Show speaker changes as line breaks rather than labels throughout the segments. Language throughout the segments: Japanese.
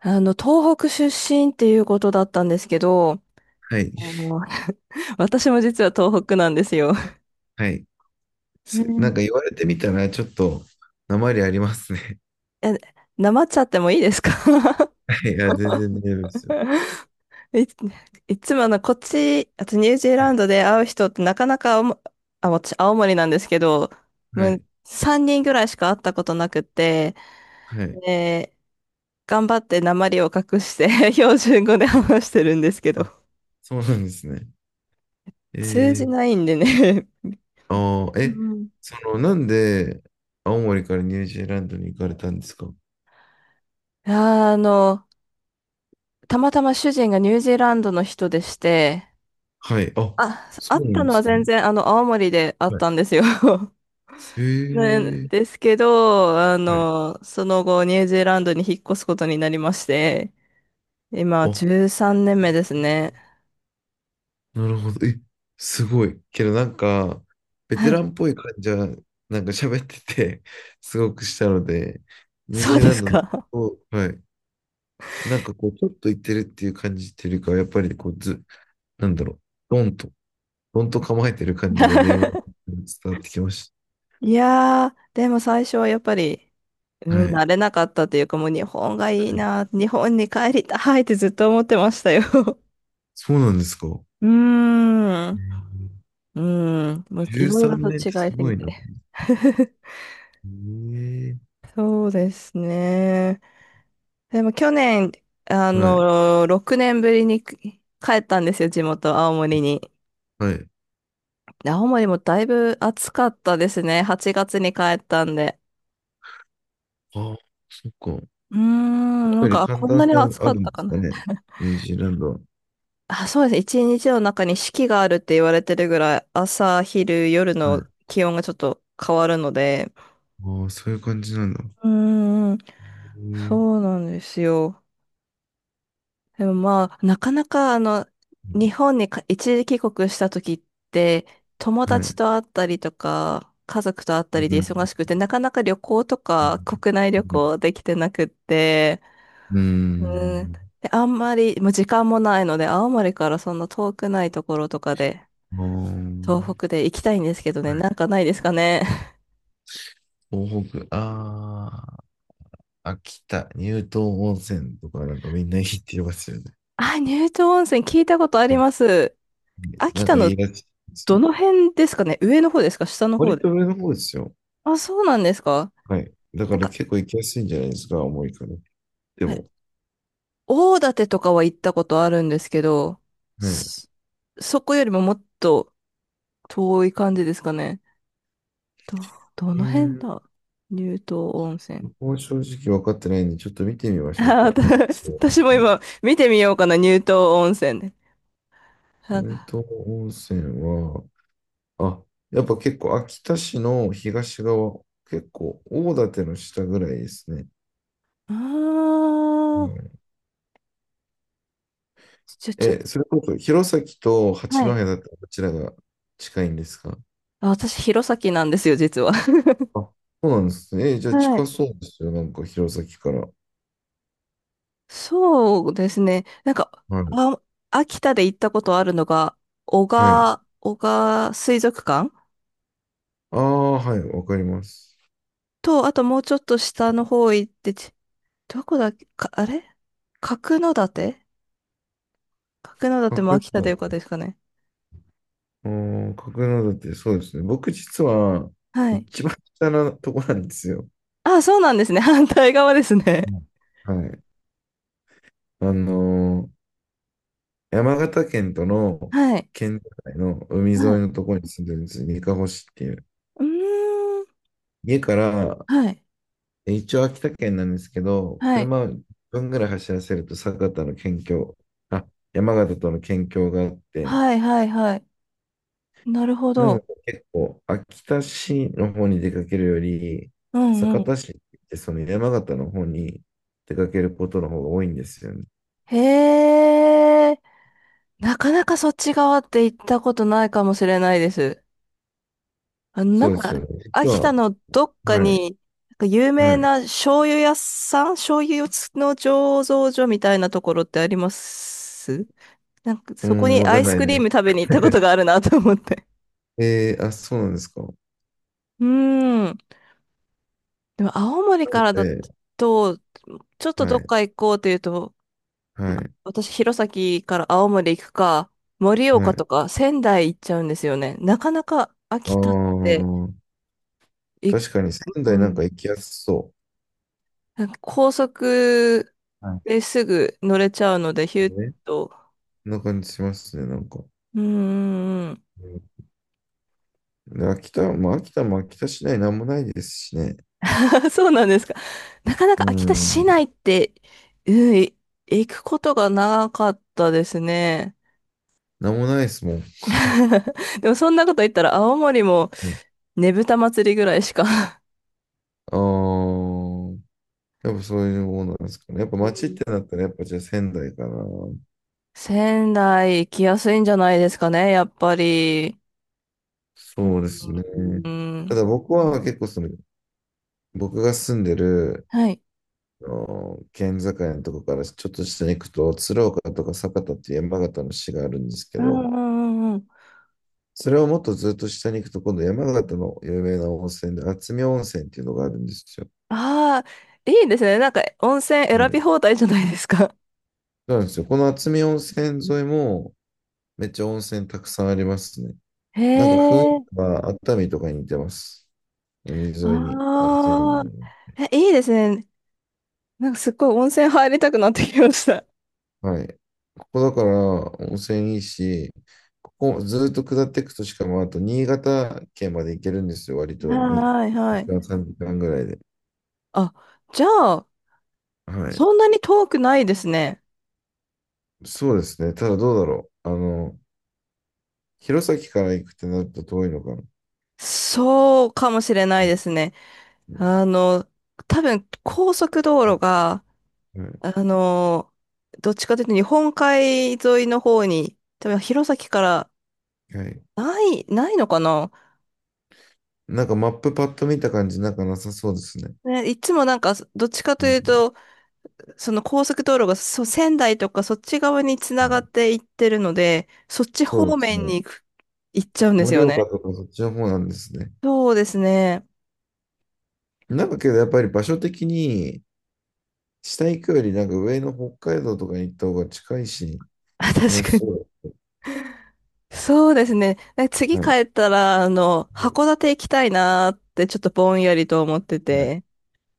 東北出身っていうことだったんですけど、
はい。
あの 私も実は東北なんですよ。
はい。
う
な
ん。
んか言われてみたら、ちょっと、なまりありますね。
え、なまっちゃってもいいですか？
はい。いや、全然大丈夫ですよ。
い、いつもこっち、あとニュージー
は
ラン
い。
ドで会う人ってなかなかあ、私、青森なんですけど、
は
もう
い。
3人ぐらいしか会ったことなくて、
はい。
で、頑張ってなまりを隠して 標準語で話してるんですけ
あ、
ど、
そうなんですね。え
通じ
ー、
ないんでね。
あー、
う
え、
ん。
その、なんで、青森からニュージーランドに行かれたんですか？
あの、たまたま主人がニュージーランドの人でして、
はい。あ、
あ、
そ
会っ
うな
た
んで
のは
す
全
ね。
然、青森で会っ
はい。
たんですよ。
え
ね、
ー、
ですけど、
はい。
その後、ニュージーランドに引っ越すことになりまして、今、
あ、
13年目ですね。
なるほど。すごい。けどなんか、ベ
は
テラ
い。
ンっぽい感じは、なんか喋ってて、すごくしたので、ニュー
そう
ジー
で
ラン
す
ドの、
か。
おはい。なんかこう、ちょっと行ってるっていう感じっていうよりかは、やっぱりこう、ず、なんだろう、ドンと、ドンと構えてる感じが電話 に伝わってきまし
いやー、でも最初はやっぱり、う
た。は
ん、
い。
慣れなかったというか、もう日本がいい
はい、
な、日本に帰りたいってずっと思ってましたよ。
そうなんですか。え
うーん。
ー
うん、もう
じゅ
い
う
ろい
さ
ろ
ん13
と
年って
違い
す
す
ご
ぎ
い
て。
な。ええ、
そうですね。でも去年、
はい、
6年ぶりに帰ったんですよ、地元、青森に。
はい。
で青森もだいぶ暑かったですね。8月に帰ったんで。
ああ、そっか。やっ
うーん、なん
ぱり
か、あ
寒
こん
暖
な
差
に暑
あ
かっ
るん
た
で
か
すか
な。
ね、ニュージーランドは。
あ、そうですね。一日の中に四季があるって言われてるぐらい、朝、昼、夜
は
の
い。
気温がちょっと変わるので。
ああ、そういう感じなんだ。
うーん、
へえ、
そうなんですよ。でもまあ、なかなか日本に一時帰国した時って、友
は
達
い。
と会ったりとか、家族と会った
う
りで
ん。
忙しくて、なかなか旅行と
う
か国内旅
ん。
行できてなくって、
う
うん。
ん。
で、あんまり、もう時間もないので、青森からそんな遠くないところとかで、
ああ、はい。
東北で行きたいんですけどね、なんかないですかね。
東北、ああ、秋田、乳頭温泉とかなんかみんないいって言いますよね。
あ、乳頭温泉聞いたことあ
は
り
い、
ます。秋
なん
田
かい
の
いらしいです
ど
よ。
の辺ですかね、上の方ですか下の方
割
で。
と上の方ですよ。
あ、そうなんですか。
はい。だか
なん
ら
か、
結構行きやすいんじゃないですか、重いから。でも、
大館とかは行ったことあるんですけど、
はい。
そ、そこよりももっと遠い感じですかね。ど、ど
う
の辺
ん。
だ乳頭温泉。
僕も正直分かってないんで、ちょっと見てみま
あ
しょう
ー、
か。乳
私
頭温
私も
泉。
今見てみようかな、乳頭温泉で。なん
乳
か、
頭温泉は、あ、やっぱ結構秋田市の東側、結構大館の下ぐらいですね。
あ
う
ー、
ん。
じゃ、ちょっと、
え、それこそ弘前と八
は
戸
い。
だったらどちらが近いんですか？
あ、私、弘前なんですよ、実は。
あ、そうなんですね。え、じゃあ
はい。
近そうですよ。なんか弘前から。
そうですね。なんか、
はい。
あ、秋田で行ったことあるのが、
はい。
男鹿水族館
ああ、はい。わかります。
と、あともうちょっと下の方行って、どこだっけ、か、あれ角館、角
角
館も秋田でよかった
館。
ですかね。
うーん、角館、そうですね。僕実は
はい。
一番下のとこなんですよ。
あ、そうなんですね。反対側ですね。
うん、はい。あのー、山形県との
はい。
県境の海沿い
はい。
のところに住んでるんですよ。にかほ市っていう。
うーん。
家から、
はい。
一応秋田県なんですけど、
はい。
車を1分ぐらい走らせると酒田の県境、あ、山形との県境があって、
はい、はい、はい。なるほ
なの
ど。
で結構秋田市の方に出かけるより、
うんう
酒
ん。
田市ってその山形の方に出かけることの方が多いんですよね。
へえ。なかなかそっち側って行ったことないかもしれないです。あの、な
そ
ん
うです
か、
よね。実
秋
は、
田のどっか
はい、
に、なんか有名
はい。
な醤油屋さん、醤油の醸造所みたいなところってあります？なんか、
う
そこ
ん、
に
わ
ア
かん
イス
ない
クリ
で
ーム
す。
食べに行ったことがあるなと思って。
あ、そうなんですか。
うーん。でも、青森からだ
で、
と、ちょっとど
は
っ
い、
か行こうというと、
は
ま、
い、
私、弘前から青森行くか、盛
は
岡
い。
とか仙台行っちゃうんですよね。なかなか
あ
秋田って、
あ、
い、
確かに仙
う
台なんか
ん
行きやすそ
なんか高速
う。はい。
ですぐ乗れちゃうので、ヒュッ
う。ね。
と。
そんな感じしますね、なんか。
うんん。
うん。で、秋田、まあ、秋田市内なんもないですしね。
そうなんですか。なかなか
う
秋田
ん。
市内って、うん、い行くことがなかったですね。
なんもないですもんね。
でもそんなこと言ったら青森もねぶた祭りぐらいしか。
はい。ああ、やっぱそういうものなんですかね。やっぱ
う
街っ
ん。
てなったら、やっぱじゃあ仙台かな。
仙台行きやすいんじゃないですかね、やっぱり。うん。
そうですね。
う
た
ん。
だ僕は結構僕が住んでる、
はい。
あの県境のとこからちょっと下に行くと、鶴岡とか酒田っていう山形の市があるんですけ
うん
ど、
うんうんうん。
それをもっとずっと下に行くと、今度山形の有名な温泉で、厚見温泉っていうのがあるんですよ。
ああ、いいですね。なんか温泉
は
選
い。
び放題じゃないですか。
そうなんですよ。この厚見温泉沿いも、めっちゃ温泉たくさんありますね。
へ
なんか雰囲
え、
気は熱海とかに似てます。海沿いに温泉に
ああ、
な
え、いいですね。なんかすっごい温泉入りたくなってきました。
る。はい。ここだから温泉いいし、ここずっと下っていくとしかもあと新潟県まで行けるんですよ、割と
はい
2
はい。
時間、3時間ぐらいで。
あ、じゃあ、
はい。
そんなに遠くないですね。
そうですね。ただどうだろう。弘前から行くってなると遠いのかな。
そうかもしれないですね。
う
あ
ん、
の、多分高速道路が、
はい。
あの、どっちかというと日本海沿いの方に、多分弘前から
はい。
ないのかな。
なんかマップパッと見た感じ、なんかなさそうですね。
ね、いつもなんか、どっちか
う
という
ん、
と、その高速道路が仙台とかそっち側につながっていってるので、そっち
そう
方
です
面に
ね。
行っちゃうんです
盛
よ
岡
ね。
とかそっちの方なんですね。
そうですね。
なんかけどやっぱり場所的に、下行くよりなんか上の北海道とかに行った方が近いし、
あ
楽
確
し
かに。
そ
そうですね。え
う。
次
は
帰
い。
ったら、函
う
館行きたいなーってちょっとぼんやりと思って
ん、はい。
て。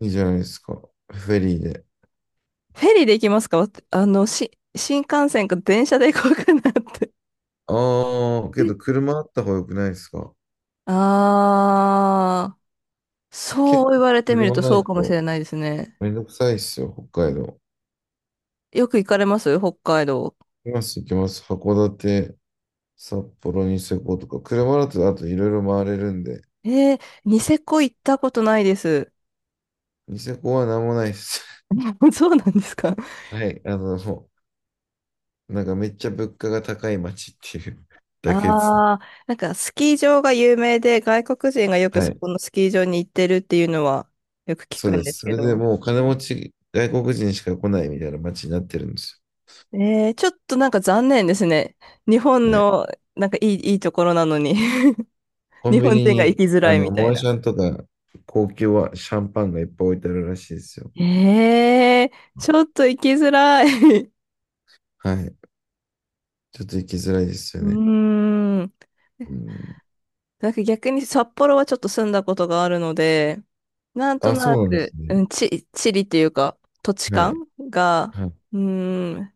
いいじゃないですか。フェリーで。
フェリーで行きますか？わ新幹線か電車で行こうかなって。
ああ、けど 車あった方が良くないですか？
あー、
結
そう言
構
われてみる
車
と
な
そ
い
うかもし
と
れないですね。
めんどくさいっすよ、北海道。
よく行かれます北海道。
行きます、行きます。函館、札幌、ニセコとか。車だとあといろいろ回れるんで。
えー、ニセコ行ったことないです。
ニセコは何もないっす。
そうなんですか。
はい。もうなんかめっちゃ物価が高い街っていう だけですね。
ああー、なんかスキー場が有名で外国人がよく
は
そ
い。
このスキー場に行ってるっていうのはよく聞
そう
くん
で
で
す。
す
そ
け
れで
ど。
もう金持ち、外国人しか来ないみたいな街になってるんです
えー、ちょっとなんか残念ですね。日本
よ。はい。
のなんかいいところなのに
コ
日
ンビ
本
ニ
人が行
に、
きづらいみた
モ
い
アシ
な。
ャンとか、高級はシャンパンがいっぱい置いてあるらしいですよ。
えー、ちょっと行きづらい
はい。ちょっと行きづらいです
う
よね。
ーん。
うん。
なんか逆に札幌はちょっと住んだことがあるので、なんと
あ、そ
な
うなんで
く、
すね。
地理っていうか、土地
は
感
い。
が、
はい。
うーん、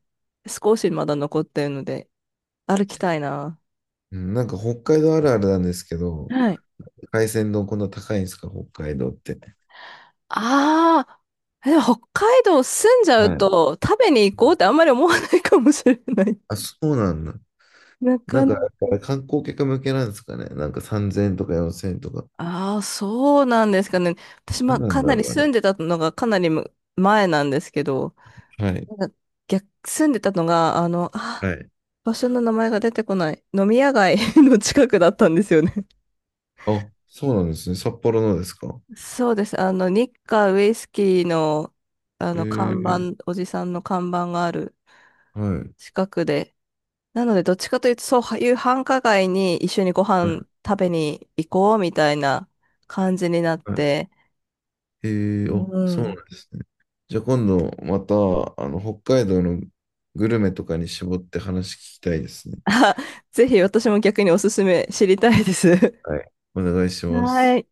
少しまだ残ってるので、歩きたいな。
うん、なんか北海道あるあるなんですけど、
はい。
海鮮丼こんな高いんですか、北海道って。
ああ、でも北海道住んじゃ
は
う
い。
と、食べに行こうってあんまり思わないかもしれない。
あ、そうなんだ。
な
な
か
んか、
なか。
あれ観光客向けなんですかね。なんか3000円とか4000円とか。
ああ、そうなんですかね。私、
な
ま
ん
あ、
なん
かな
だ
り
ろう、あ
住んでたのがかなり前なんですけど、
れ。はい。
なんか住んでたのが、
はい。
場所の名前が出てこない。飲み屋街 の近くだったんですよね。
あ、そうなんですね。札幌のですか。
そうです。日華ウイスキーの、
ええ、
おじさんの看板がある
はい。
近くで。なので、どっちかというと、そういう繁華街に一緒にご
は
飯
い。
食べに行こうみたいな感じになっ
はい、
て。
へえ、
う
あ、そう
ん。
なんですね。じゃあ今度また、北海道のグルメとかに絞って話聞きたいですね。
あ、ぜひ私も逆におすすめ知りたいです。
はい。お願いしま
は
す。
い。